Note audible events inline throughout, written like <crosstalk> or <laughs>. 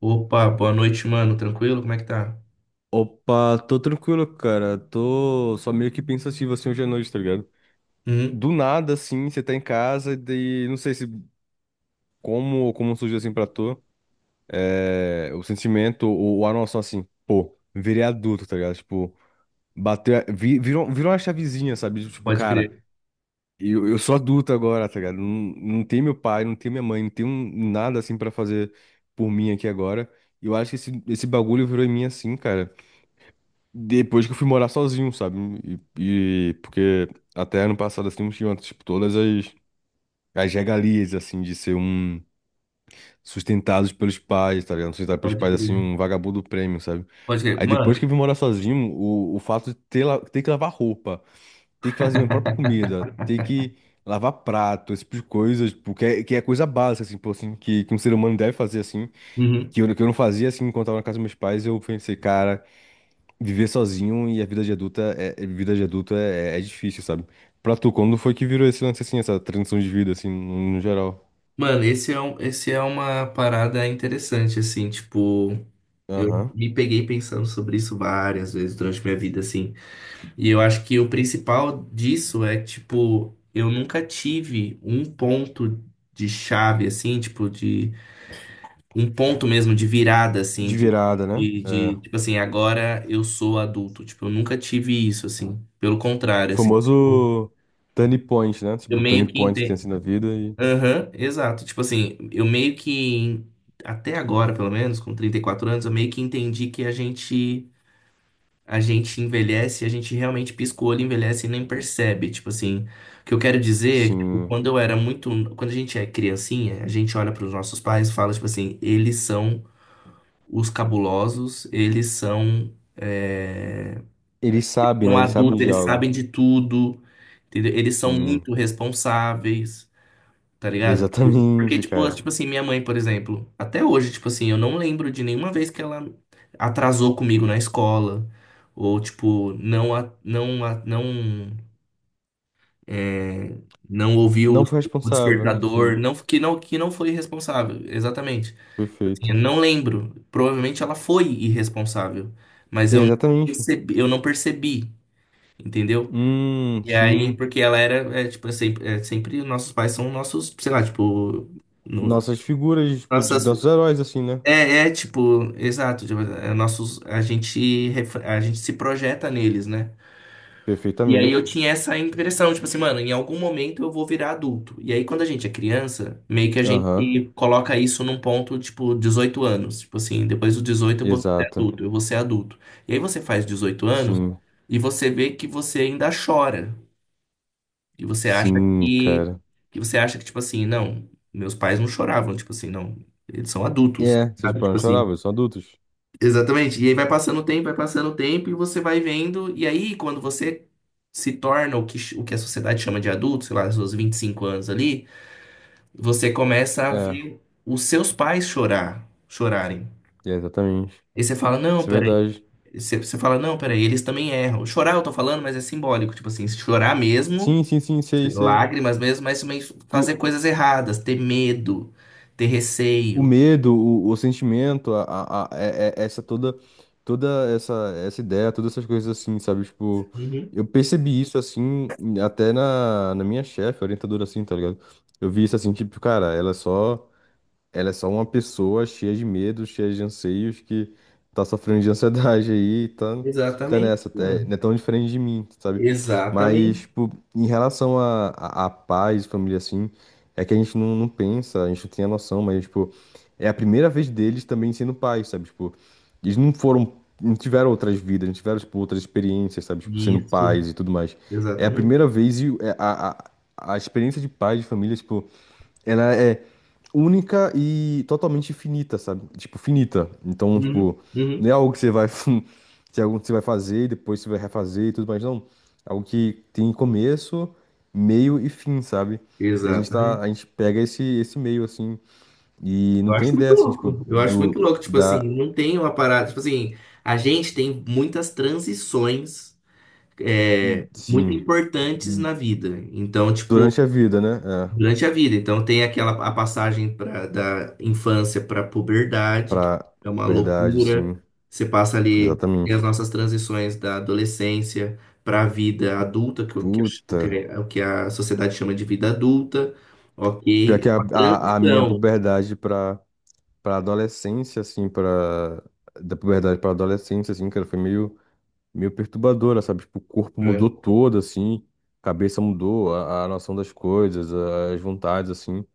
Opa, boa noite, mano. Tranquilo? Como é que tá? Opa, tô tranquilo, cara. Tô só meio que pensativo assim hoje à noite, tá ligado? Uhum. Do nada, assim, você tá em casa e daí, não sei se como surgiu assim pra tu, o sentimento ou a noção assim, pô, virei adulto, tá ligado? Tipo, bateu, virou uma chavezinha, sabe? Tipo, Pode cara, crer, eu sou adulto agora, tá ligado? Não, não tem meu pai, não tem minha mãe, não tem nada assim pra fazer por mim aqui agora. E eu acho que esse bagulho virou em mim assim, cara. Depois que eu fui morar sozinho, sabe? E porque até ano passado, assim, eu tinha, tipo, todas as regalias, assim, de ser um sustentados pelos pais, tá ligado? Sustentado pelos pode pais, assim, crer. um vagabundo prêmio, sabe? Pode crer. Aí depois que Mano, eu vim morar sozinho, o fato de ter, ter que lavar roupa, ter que fazer minha própria comida, ter que lavar prato, esse tipo de coisas, tipo, que é coisa básica, assim, pô, assim, que um ser humano deve fazer, assim, e uhum. que eu não fazia, assim, enquanto eu tava na casa dos meus pais, eu pensei, cara. Viver sozinho e a vida de adulta é, vida de adulto é difícil, sabe? Pra tu, quando foi que virou esse lance assim, essa transição de vida, assim, no geral? Mano, esse é uma parada interessante, assim, tipo, eu Aham. me peguei pensando sobre isso várias vezes durante minha vida, assim. E eu acho que o principal disso é, tipo, eu nunca tive um ponto de chave, assim, tipo, de um ponto mesmo de virada, assim, De virada, né? É. tipo assim, agora eu sou adulto. Tipo, eu nunca tive isso, assim. Pelo O contrário, assim, tipo, famoso turning point, né? eu Tipo, meio turning que point tem entendo. assim na vida e, Aham, exato. Tipo assim, eu meio que, até agora, pelo menos, com 34 anos, eu meio que entendi que a gente. A gente envelhece, a gente realmente pisca o olho, envelhece e nem percebe. Tipo assim, o que eu quero dizer, é que, tipo, sim, quando eu era muito, quando a gente é criancinha, a gente olha para os nossos pais e fala, tipo assim, eles são os cabulosos, eles são, é, eles sabem, são né? Eles sabem adultos, de eles sabem algo. de tudo, entendeu? Eles são Sim, muito responsáveis, tá ligado? Porque, exatamente, tipo, cara. tipo assim, minha mãe, por exemplo, até hoje, tipo assim, eu não lembro de nenhuma vez que ela atrasou comigo na escola, ou, tipo, é, não ouviu Não foi o responsável, né? despertador, Sim, não, que não foi responsável, exatamente. Eu perfeito. não lembro. Provavelmente ela foi irresponsável, mas Exatamente. Eu não percebi, entendeu? E aí, Sim. porque ela era, tipo, sempre nossos pais são nossos, sei lá, tipo, no- Nossas figuras, tipo, de nossas, nossos heróis, assim, né? Tipo, exato, tipo, nossos, a gente, a gente se projeta neles, né? E aí eu Perfeitamente. tinha essa impressão, tipo assim, mano, em algum momento eu vou virar adulto. E aí quando a gente é criança, meio que a gente Aham. coloca isso num ponto, tipo, 18 anos. Tipo assim, depois dos 18 eu vou ser Exato. adulto, eu vou ser adulto. E aí você faz 18 anos Sim. e você vê que você ainda chora. E você acha Sim, que, cara. que você acha que, tipo assim, não, meus pais não choravam, tipo assim, não, eles são adultos, É, vocês sabe? podem Tipo chorar, assim. vocês são adultos. Exatamente. E aí vai passando o tempo, vai passando o tempo, e você vai vendo. E aí, quando você se torna o que a sociedade chama de adulto, sei lá, seus 25 anos ali, você começa a É, ver os seus pais chorarem. é, exatamente. E você fala, não, Isso é peraí. verdade. Você fala, não, peraí, eles também erram. Chorar eu tô falando, mas é simbólico. Tipo assim, chorar mesmo, Sim, sim, sim, sei, ter sei. lágrimas mesmo, mas também Tu, fazer coisas erradas, ter medo, ter o receio. medo, o sentimento, essa toda, toda essa ideia, todas essas coisas assim, sabe? Tipo, Uhum. eu percebi isso assim, até na, na minha chefe, orientadora assim, tá ligado? Eu vi isso assim, tipo, cara, ela é só. Ela é só uma pessoa cheia de medos cheia de anseios, que tá sofrendo de ansiedade aí, e tá Exatamente, nessa, mano. é, não é tão diferente de mim, sabe? Mas, Exatamente. tipo, em relação a pais, família, assim, é que a gente não pensa, a gente não tem a noção, mas, tipo, é a primeira vez deles também sendo pais, sabe? Tipo, eles não foram, não tiveram outras vidas, não tiveram, tipo, outras experiências, sabe? Tipo, sendo Isso, pais e tudo mais. É a exatamente. primeira vez e é a experiência de pai, de família, tipo, ela é única e totalmente finita, sabe? Tipo, finita. Então, Uhum, tipo, não uhum, é algo que você vai, <laughs> que é algo que você vai fazer e depois você vai refazer e tudo mais, não. É algo que tem começo, meio e fim, sabe? E a gente tá, exatamente. a gente pega esse meio assim e não Eu tem acho ideia muito assim, tipo, louco. Eu acho muito do louco, tipo da assim, não tem uma parada, tipo assim, a gente tem muitas transições muito sim, importantes na vida. Então, tipo, durante a vida, né? É, durante a vida. Então tem aquela a passagem da infância para a puberdade, que pra é uma verdade, loucura. sim, Você passa ali tem as exatamente. nossas transições da adolescência para a vida adulta, que, o que, a- o que Puta, a sociedade chama de vida adulta. pior Ok, é que a, uma a, a minha transição. puberdade pra para adolescência, assim, para da puberdade para adolescência, assim, cara, foi meio perturbadora, sabe? Tipo, o corpo mudou Né? todo, assim, a cabeça mudou, a noção das coisas, as vontades, assim.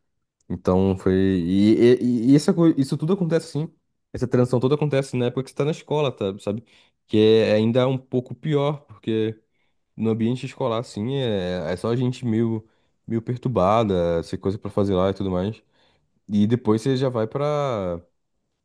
Então foi isso tudo acontece assim, essa transição toda acontece na época que você tá na escola, tá, sabe? Que é ainda é um pouco pior, porque no ambiente escolar, assim, é, é só a gente meio perturbada, sem coisa pra fazer lá e tudo mais. E depois você já vai pra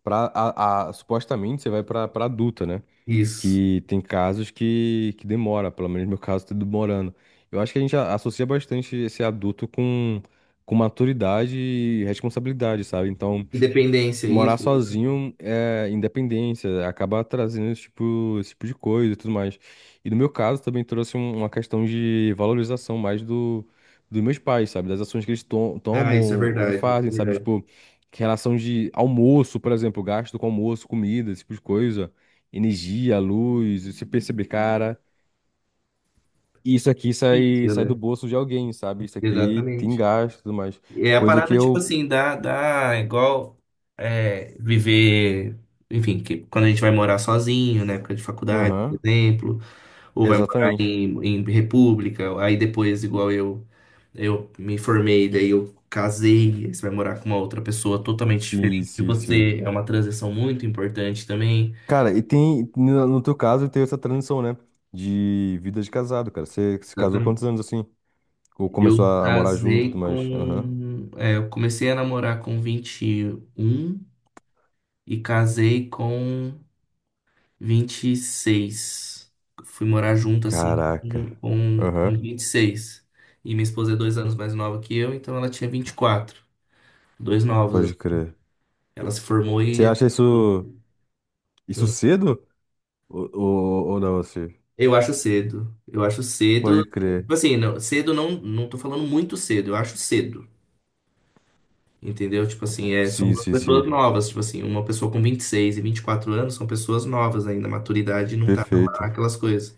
pra, supostamente você vai pra adulta, né? Isso. Que tem casos que demora, pelo menos no meu caso tá demorando. Eu acho que a gente associa bastante esse adulto com maturidade e responsabilidade, sabe? Então Independência, morar isso. sozinho é independência, acaba trazendo esse tipo de coisa e tudo mais. E no meu caso também trouxe uma questão de valorização mais dos meus pais, sabe? Das ações que eles Ah, isso é tomam e verdade, isso fazem, é sabe? verdade. Tipo, que relação de almoço, por exemplo, gasto com almoço, comida, esse tipo de coisa, energia, luz, e se perceber, cara, isso aqui sai, Isso, sai do né? bolso de alguém, sabe? Isso aqui tem Exatamente. gasto e tudo mais. É a Coisa que parada, tipo eu. assim, dá igual, viver, enfim, que quando a gente vai morar sozinho, na época de faculdade, por Aham, exemplo, ou vai morar exatamente. em, república, aí depois, igual eu me formei, daí eu casei, aí você vai morar com uma outra pessoa totalmente Sim, diferente de sim, sim. você, é uma transição muito importante também. Cara, e tem, no teu caso, teve essa transição, né? De vida de casado, cara. Você se casou Exatamente. quantos anos assim? Ou começou a morar junto e tudo mais? Aham. Eu comecei a namorar com 21 e casei com 26. Fui morar junto, assim, Caraca. com Aham. 26. E minha esposa é 2 anos mais nova que eu, então ela tinha 24. Dois novos, Pode assim. crer. Ela se formou Você e. acha isso, isso é, cedo? Ou não, assim? Eu acho cedo. Eu acho cedo. Pode crer. Tipo assim, não, cedo não, não tô falando muito cedo, eu acho cedo. Entendeu? Tipo assim, são Sim, duas sim, pessoas sim. novas. Tipo assim, uma pessoa com 26 e 24 anos são pessoas novas ainda. A maturidade não tá lá, Perfeito. aquelas coisas.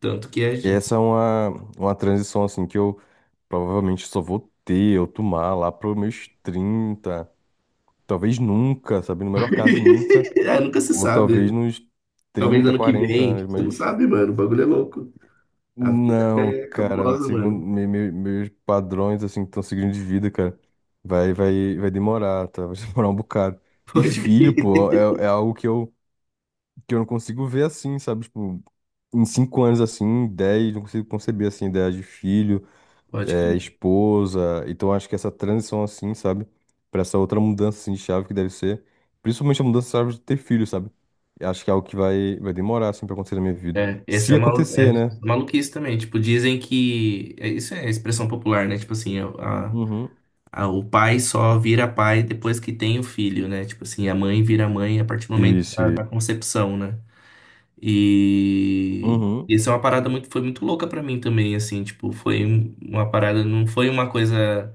Tanto que a gente. Essa é uma transição, assim, que eu provavelmente só vou ter, eu tomar lá para meus 30. Talvez nunca, sabe? No melhor caso, nunca. <laughs> Ah, nunca se Ou talvez sabe. nos Talvez 30, ano que 40 vem. anos, Você não mas. sabe, mano. O bagulho é louco. A vida Não, é cara, cabulosa, segundo mano. Meus padrões, assim, que estão seguindo de vida, cara, vai demorar, tá? Vai <laughs> demorar um bocado. <laughs> E Pode filho, crer. pô, é algo que eu não consigo ver assim, sabe? Tipo, em 5 anos, assim, em 10, não consigo conceber, assim, ideia de filho. Pode É, crer. esposa. Então acho que essa transição assim, sabe? Pra essa outra mudança assim, de chave que deve ser. Principalmente a mudança de chave de ter filho, sabe? Eu acho que é algo que vai demorar assim pra acontecer na minha vida. É, esse Se é, malu é acontecer, né? maluquice também. Tipo, dizem que. Isso é expressão popular, né? Tipo assim, Uhum. O pai só vira pai depois que tem o filho, né? Tipo assim, a mãe vira mãe a partir do momento Se, da, se. da concepção, né? E. Uhum. Isso é uma parada muito, foi muito louca pra mim também, assim, tipo, foi uma parada, não foi uma coisa.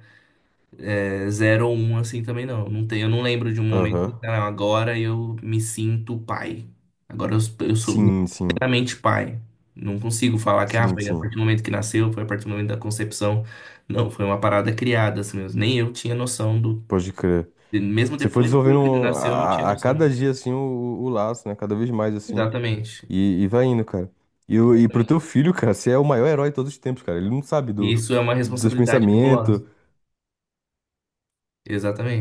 É, zero ou um assim também não. Não tem, eu não lembro de um momento Aham. que "Ah, agora eu me sinto pai. Agora eu sou Sim, sim. inteiramente pai. Não consigo falar que ah, Sim, foi a sim. partir do momento que nasceu, foi a partir do momento da concepção. Não, foi uma parada criada assim mesmo. Nem eu tinha noção do. Pode crer. Mesmo Você foi depois que meu desenvolvendo filho nasceu, eu não tinha a noção. cada dia assim o laço, né? Cada vez mais assim. Exatamente. E vai indo, cara. E, e pro teu filho, cara, você é o maior herói de todos os tempos, cara. Ele não sabe E do, isso é uma dos teus responsabilidade pensamentos, fabulosa.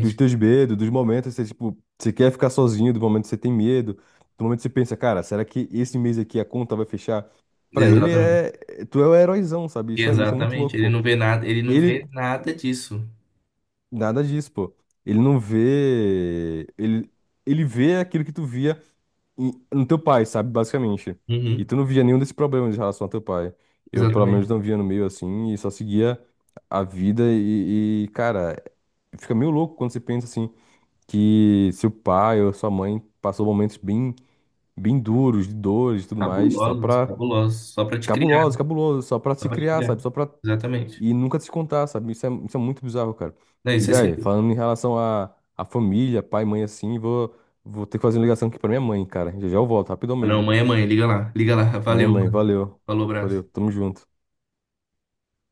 dos teus medos, dos momentos que você, tipo, você quer ficar sozinho, do momento que você tem medo, do momento que você pensa, cara, será que esse mês aqui a conta vai fechar? Pra ele Exatamente. é. Tu é o heróizão, sabe? Isso é muito Exatamente. louco, Ele pô. não vê nada, ele não Ele. vê nada disso. Nada disso, pô. Ele não vê. Ele vê aquilo que tu via no teu pai, sabe? Basicamente. E Uhum. tu não via nenhum desses problemas em relação ao teu pai. Eu, pelo menos, Exatamente. não via no meio assim e só seguia a vida e, cara, fica meio louco quando você pensa assim que seu pai ou sua mãe passou momentos bem, bem duros, de dores e tudo mais, só Cabulosos, pra. cabulosos. Só pra te criar, Cabulosos, cabulosos, só pra se só pra te criar, criar. sabe? Só pra. Exatamente. E nunca se contar, sabe? Isso é muito bizarro, cara. Não, E, isso é velho, sinistro. falando em relação à família, pai, mãe, assim, vou ter que fazer uma ligação aqui pra minha mãe, cara. Já já eu volto, rapidão Ah, não, mesmo. mãe é mãe, liga lá, liga lá. Mãe, é Valeu, mãe, mano. valeu. Falou, Valeu, abraço. tamo junto.